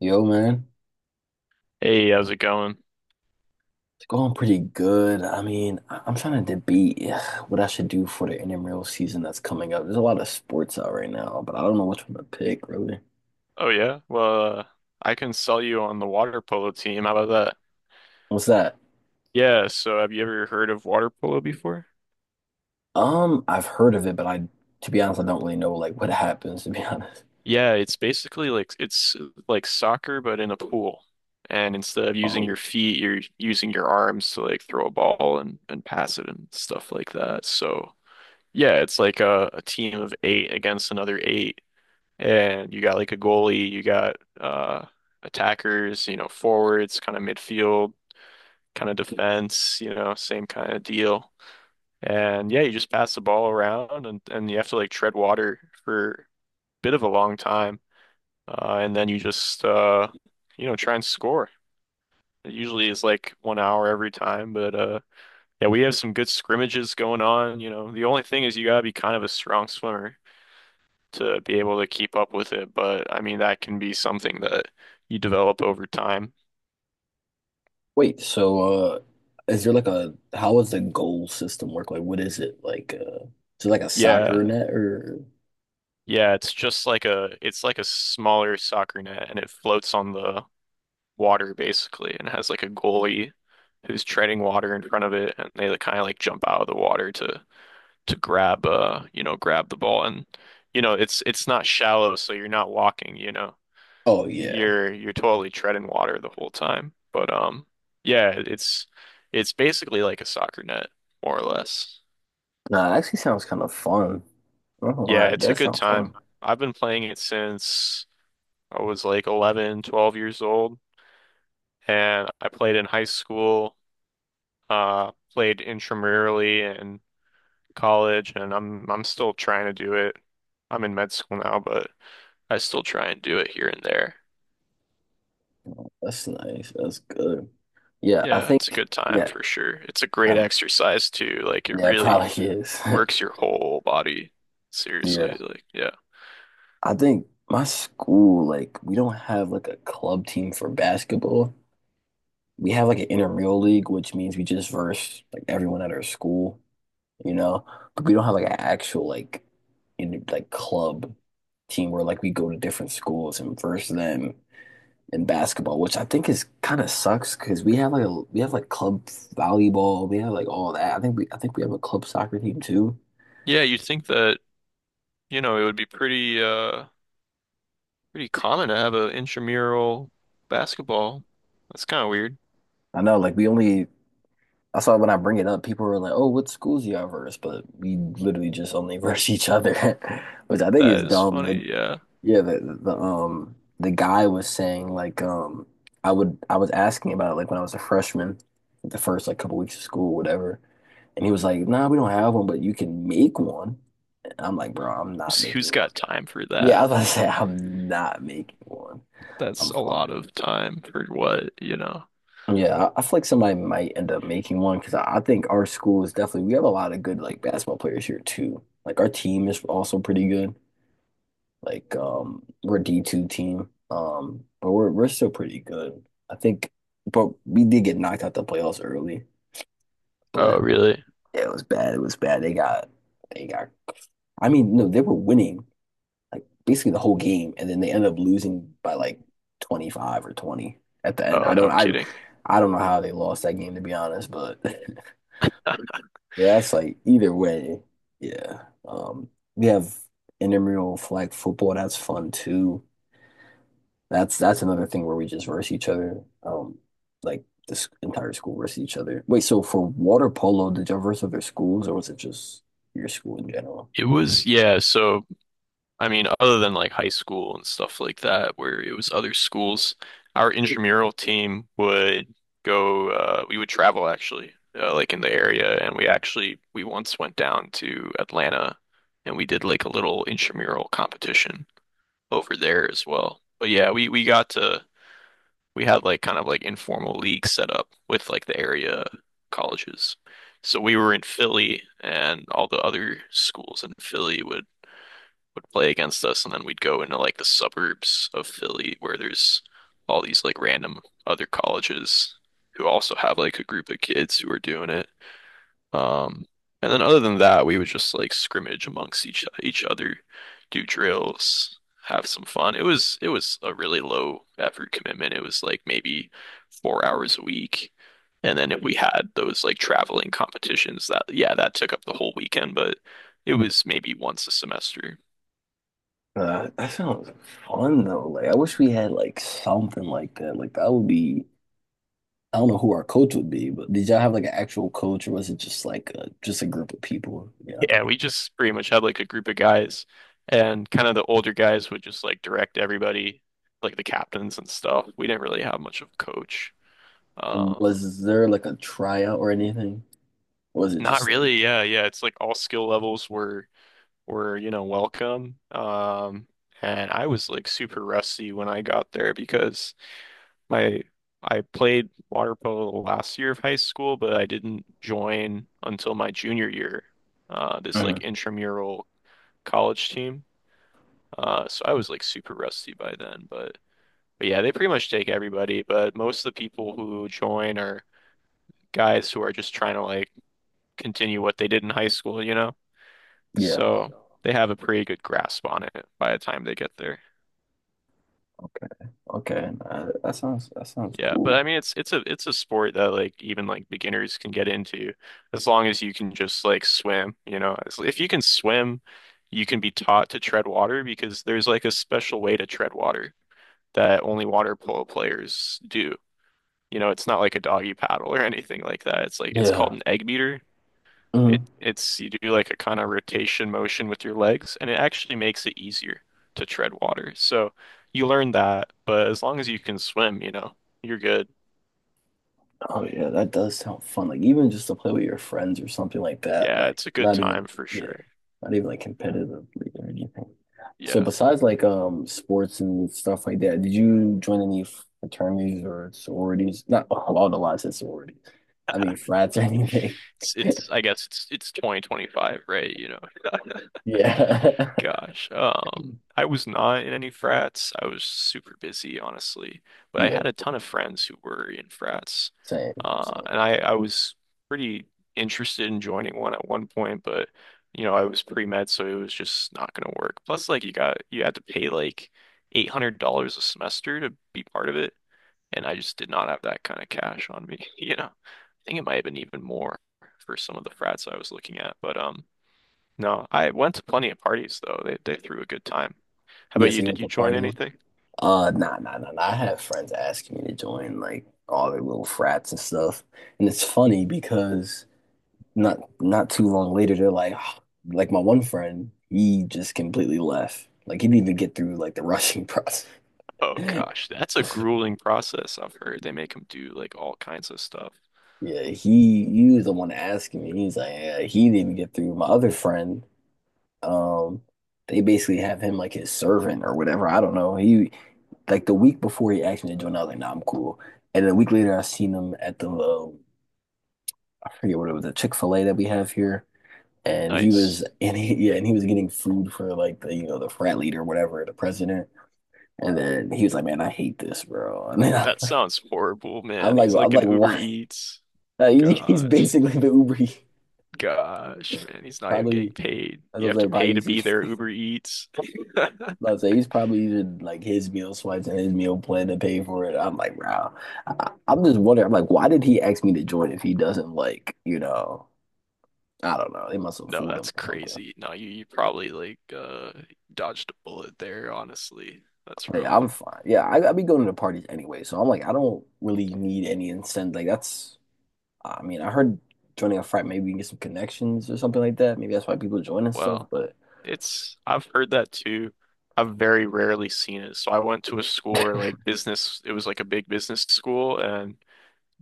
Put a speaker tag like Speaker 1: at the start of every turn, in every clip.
Speaker 1: Yo, man,
Speaker 2: Hey, how's it going?
Speaker 1: it's going pretty good. I'm trying to debate what I should do for the intramural season that's coming up. There's a lot of sports out right now, but I don't know which one to pick, really.
Speaker 2: Oh yeah, well, I can sell you on the water polo team. How about that?
Speaker 1: What's that?
Speaker 2: Yeah, so have you ever heard of water polo before?
Speaker 1: I've heard of it, but to be honest, I don't really know like what happens, to be honest.
Speaker 2: Yeah, it's like soccer but in a pool. And instead of using
Speaker 1: Oh,
Speaker 2: your feet, you're using your arms to like throw a ball and pass it and stuff like that. So, yeah, it's like a team of eight against another eight. And you got like a goalie, you got attackers, you know, forwards, kind of midfield kind of defense, you know, same kind of deal. And yeah, you just pass the ball around and you have to like tread water for a bit of a long time. And then you just, you know, try and score. It usually is like 1 hour every time, but yeah, we have some good scrimmages going on. You know, the only thing is you gotta be kind of a strong swimmer to be able to keep up with it. But I mean, that can be something that you develop over time.
Speaker 1: wait, so is there like how does the goal system work? Like, what is it? Like, is it like a Yeah. soccer
Speaker 2: Yeah.
Speaker 1: net or?
Speaker 2: Yeah, it's just like a smaller soccer net, and it floats on the water basically and has like a goalie who's treading water in front of it, and they kind of like jump out of the water to grab you know, grab the ball. And you know, it's not shallow, so you're not walking, you know,
Speaker 1: Oh, yeah.
Speaker 2: you're totally treading water the whole time. But yeah, it's basically like a soccer net, more or less.
Speaker 1: Nah, it actually sounds kind of fun. I don't know
Speaker 2: Yeah,
Speaker 1: why. That
Speaker 2: it's
Speaker 1: Yeah,
Speaker 2: a good
Speaker 1: sounds
Speaker 2: time.
Speaker 1: fun.
Speaker 2: I've been playing it since I was like 11, 12 years old, and I played in high school, played intramurally in college, and I'm still trying to do it. I'm in med school now, but I still try and do it here and there.
Speaker 1: That's nice. That's good. Yeah, I
Speaker 2: Yeah, it's a
Speaker 1: think
Speaker 2: good time
Speaker 1: yeah,
Speaker 2: for sure. It's a great
Speaker 1: um,
Speaker 2: exercise too. Like it
Speaker 1: yeah, it
Speaker 2: really
Speaker 1: probably is.
Speaker 2: works your whole body.
Speaker 1: Yeah.
Speaker 2: Seriously, like yeah.
Speaker 1: I think my school, like, we don't have like a club team for basketball. We have like an intramural league, which means we just verse like everyone at our school, you know. But we don't have like an actual like in like club team where like we go to different schools and verse them in basketball, which I think is kind of sucks because we have like a we have like club volleyball, we have like all that. I think we have a club soccer team too.
Speaker 2: Yeah, you'd think that, you know, it would be pretty pretty common to have an intramural basketball. That's kind of weird.
Speaker 1: I know, like we only I saw when I bring it up, people were like, "Oh, what schools you all verse?" But we literally just only verse each other, which I think is
Speaker 2: That
Speaker 1: That's
Speaker 2: is
Speaker 1: dumb. Like,
Speaker 2: funny, yeah.
Speaker 1: yeah, the guy was saying like I was asking about it like when I was a freshman, the first like couple weeks of school, whatever, and he was like, "Nah, we don't have one, but you can make one." And I'm like, "Bro, I'm not
Speaker 2: Who's,
Speaker 1: making
Speaker 2: who's
Speaker 1: one."
Speaker 2: got
Speaker 1: guy.
Speaker 2: time for
Speaker 1: Yeah, I
Speaker 2: that?
Speaker 1: was about to say I'm not making one.
Speaker 2: That's
Speaker 1: I'm
Speaker 2: a lot
Speaker 1: fine.
Speaker 2: of time for what, you know?
Speaker 1: Yeah, I feel like somebody might end up making one because I think our school is definitely we have a lot of good like basketball players here too. Like our team is also pretty good. Like we're a D2 team. But we're still pretty good. I think but we did get knocked out the playoffs early.
Speaker 2: Oh,
Speaker 1: But
Speaker 2: really?
Speaker 1: yeah, it was bad. It was bad. They got I mean, no, they were winning like basically the whole game, and then they end up losing by like 25 or 20 at the end.
Speaker 2: Oh, no kidding.
Speaker 1: I don't know how they lost that game to be honest, but that's like either way, yeah. We have intramural flag football. That's fun too. That's another thing where we just verse each other. Like this entire school versus each other. Wait, so for water polo, did y'all verse other schools, or was it just your school in general?
Speaker 2: It was, yeah, so I mean, other than like high school and stuff like that, where it was other schools, our intramural team would go, we would travel actually, like in the area, and we actually, we once went down to Atlanta and we did like a little intramural competition over there as well. But yeah, we got to we had like kind of like informal leagues set up with like the area colleges. So we were in Philly, and all the other schools in Philly would play against us, and then we'd go into like the suburbs of Philly where there's all these like random other colleges who also have like a group of kids who are doing it. Um, and then other than that, we would just like scrimmage amongst each other, do drills, have some fun. It was a really low effort commitment. It was like maybe 4 hours a week. And then we had those like traveling competitions that yeah, that took up the whole weekend, but it was maybe once a semester.
Speaker 1: That sounds fun though. Like I wish we had like something like that. Like that would be I don't know who our coach would be, but did y'all have like an actual coach or was it just like a just a group of people? Yeah.
Speaker 2: Yeah, we just pretty much had like a group of guys, and kind of the older guys would just like direct everybody, like the captains and stuff. We didn't really have much of a coach.
Speaker 1: And
Speaker 2: Um
Speaker 1: Was there like a tryout or anything? Or was it
Speaker 2: Not
Speaker 1: just like
Speaker 2: really. Yeah, yeah. It's like all skill levels were, you know, welcome. And I was like super rusty when I got there because my I played water polo the last year of high school, but I didn't join until my junior year. This
Speaker 1: Mhm.
Speaker 2: like intramural college team. So I was like super rusty by then, but yeah, they pretty much take everybody, but most of the people who join are guys who are just trying to like continue what they did in high school, you know?
Speaker 1: Yeah.
Speaker 2: So they have a pretty good grasp on it by the time they get there.
Speaker 1: Okay. Okay. That sounds Yeah.
Speaker 2: Yeah, but
Speaker 1: cool.
Speaker 2: I mean it's a sport that like even like beginners can get into as long as you can just like swim, you know. As- If you can swim, you can be taught to tread water because there's like a special way to tread water that only water polo players do. You know, it's not like a doggy paddle or anything like that. It's like
Speaker 1: Yeah.
Speaker 2: it's called
Speaker 1: Yeah.
Speaker 2: an egg beater.
Speaker 1: Mm.
Speaker 2: It's you do like a kind of rotation motion with your legs, and it actually makes it easier to tread water. So you learn that, but as long as you can swim, you know, you're good.
Speaker 1: Oh yeah, that does sound fun. Like even just to play with your friends or something like that.
Speaker 2: Yeah,
Speaker 1: Like
Speaker 2: it's a good
Speaker 1: not even
Speaker 2: time for
Speaker 1: yeah,
Speaker 2: sure.
Speaker 1: not even like competitively or anything. So
Speaker 2: Yeah.
Speaker 1: besides like sports and stuff like that, did you join any fraternities or sororities? Not a lot of lots of sororities. I mean frats or anything.
Speaker 2: It's I guess it's 2025, right? You know,
Speaker 1: Yeah.
Speaker 2: gosh. I was not in any frats. I was super busy, honestly. But I
Speaker 1: Yeah.
Speaker 2: had a ton of friends who were in frats.
Speaker 1: Same. So
Speaker 2: I was pretty interested in joining one at one point, but you know, I was pre-med, so it was just not gonna work. Plus, like you had to pay like $800 a semester to be part of it, and I just did not have that kind of cash on me, you know. I think it might have been even more for some of the frats I was looking at, but no, I went to plenty of parties though. They threw a good time. How
Speaker 1: yeah,
Speaker 2: about you?
Speaker 1: so you
Speaker 2: Did
Speaker 1: went
Speaker 2: you
Speaker 1: to
Speaker 2: join
Speaker 1: parties.
Speaker 2: anything?
Speaker 1: Nah, nah, nah, nah. I have friends asking me to join like all their little frats and stuff, and it's funny because. Not not too long later, they're like, like my one friend, he just completely left. Like he didn't even get through like the rushing process.
Speaker 2: Oh gosh, that's a grueling process. I've heard they make him do like all kinds of stuff.
Speaker 1: Yeah, he was the one asking me. He's like, yeah, he didn't even get through. My other friend, um, they basically have him like his servant or whatever. I don't know. He like the week before he asked me to join, I was like, nah, I'm cool. And then a week later, I seen him at the I forget what it was, a Chick-fil-A that we have here. And he
Speaker 2: Nice.
Speaker 1: was and he yeah and he was getting food for like the you know the frat leader or whatever the president. And then he was like, man, I hate this bro. And then
Speaker 2: That sounds horrible, man. He's
Speaker 1: I'm
Speaker 2: like an
Speaker 1: like,
Speaker 2: Uber
Speaker 1: why?
Speaker 2: Eats.
Speaker 1: He's
Speaker 2: Gosh.
Speaker 1: basically the Uber Eats.
Speaker 2: Gosh, man. He's not even getting
Speaker 1: Probably
Speaker 2: paid.
Speaker 1: as I
Speaker 2: You
Speaker 1: was
Speaker 2: have to
Speaker 1: like probably
Speaker 2: pay to
Speaker 1: using
Speaker 2: be there, Uber Eats.
Speaker 1: let's say he's probably using like his meal swipes and his meal plan to pay for it. I'm like, wow, I'm just wondering. I'm like, why did he ask me to join if he doesn't like, you know, I don't know, they must have
Speaker 2: No,
Speaker 1: fooled him
Speaker 2: that's
Speaker 1: or something.
Speaker 2: crazy. No, you probably like dodged a bullet there, honestly. That's
Speaker 1: Hey,
Speaker 2: rough.
Speaker 1: I'm fine. Yeah, I be going to parties anyway, so I'm like, I don't really need any incentive. Like that's, I mean, I heard joining a frat maybe you can get some connections or something like that. Maybe that's why people join and stuff.
Speaker 2: Well,
Speaker 1: But
Speaker 2: it's I've heard that too. I've very rarely seen it. So I went to a school where like business, it was like a big business school, and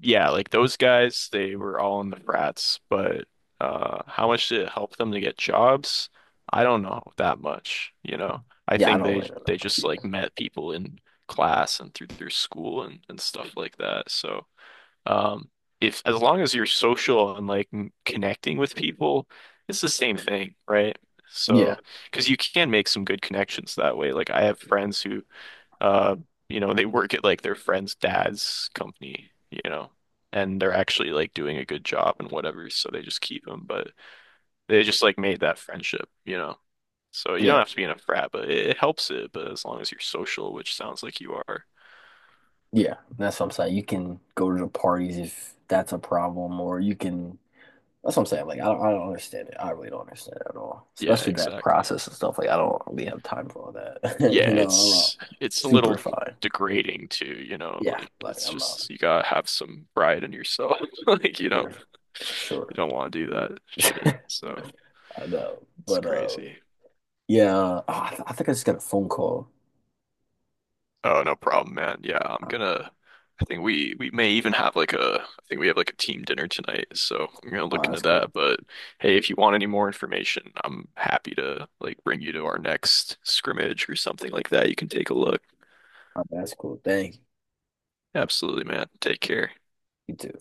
Speaker 2: yeah, like those guys, they were all in the frats. But how much did it help them to get jobs? I don't know that much. You know, I
Speaker 1: yeah, I
Speaker 2: think
Speaker 1: don't really know that
Speaker 2: they
Speaker 1: much
Speaker 2: just like
Speaker 1: either.
Speaker 2: met people in class and through their school and stuff like that. So. Um, if as long as you're social and like m- connecting with people, it's the same thing, right?
Speaker 1: Yeah,
Speaker 2: So, because you can make some good connections that way. Like I have friends who, uh, you know, they work at like their friend's dad's company, you know, and they're actually like doing a good job and whatever, so they just keep them. But they just like made that friendship, you know. So you don't
Speaker 1: yeah,
Speaker 2: have to be in a frat, but it helps it. But as long as you're social, which sounds like you are,
Speaker 1: yeah. That's what I'm saying. You can go to the parties if that's a problem, or you can. That's what I'm saying. Like I don't understand it. I really don't understand it at all.
Speaker 2: yeah,
Speaker 1: Especially that
Speaker 2: exactly.
Speaker 1: process and stuff. Like I don't really have time for all that.
Speaker 2: Yeah,
Speaker 1: You know, I'm
Speaker 2: it's a
Speaker 1: super
Speaker 2: little
Speaker 1: fine.
Speaker 2: degrading too, you know,
Speaker 1: Yeah,
Speaker 2: like
Speaker 1: like
Speaker 2: it's
Speaker 1: I'm uh,
Speaker 2: just you gotta have some pride in yourself. Like
Speaker 1: yeah, for
Speaker 2: you
Speaker 1: sure.
Speaker 2: don't want to do that shit. So
Speaker 1: I know,
Speaker 2: it's
Speaker 1: but
Speaker 2: crazy.
Speaker 1: I think I just got a phone call.
Speaker 2: Oh, no problem, man. Yeah,
Speaker 1: Uh,
Speaker 2: I think we may even have like a I think we have like a team dinner tonight, so I'm gonna
Speaker 1: Oh,
Speaker 2: look into
Speaker 1: that's cool.
Speaker 2: that. But hey, if you want any more information, I'm happy to like bring you to our next scrimmage or something like that. You can take a look.
Speaker 1: Oh, that's cool. Thank you.
Speaker 2: Absolutely, man. Take care.
Speaker 1: You too.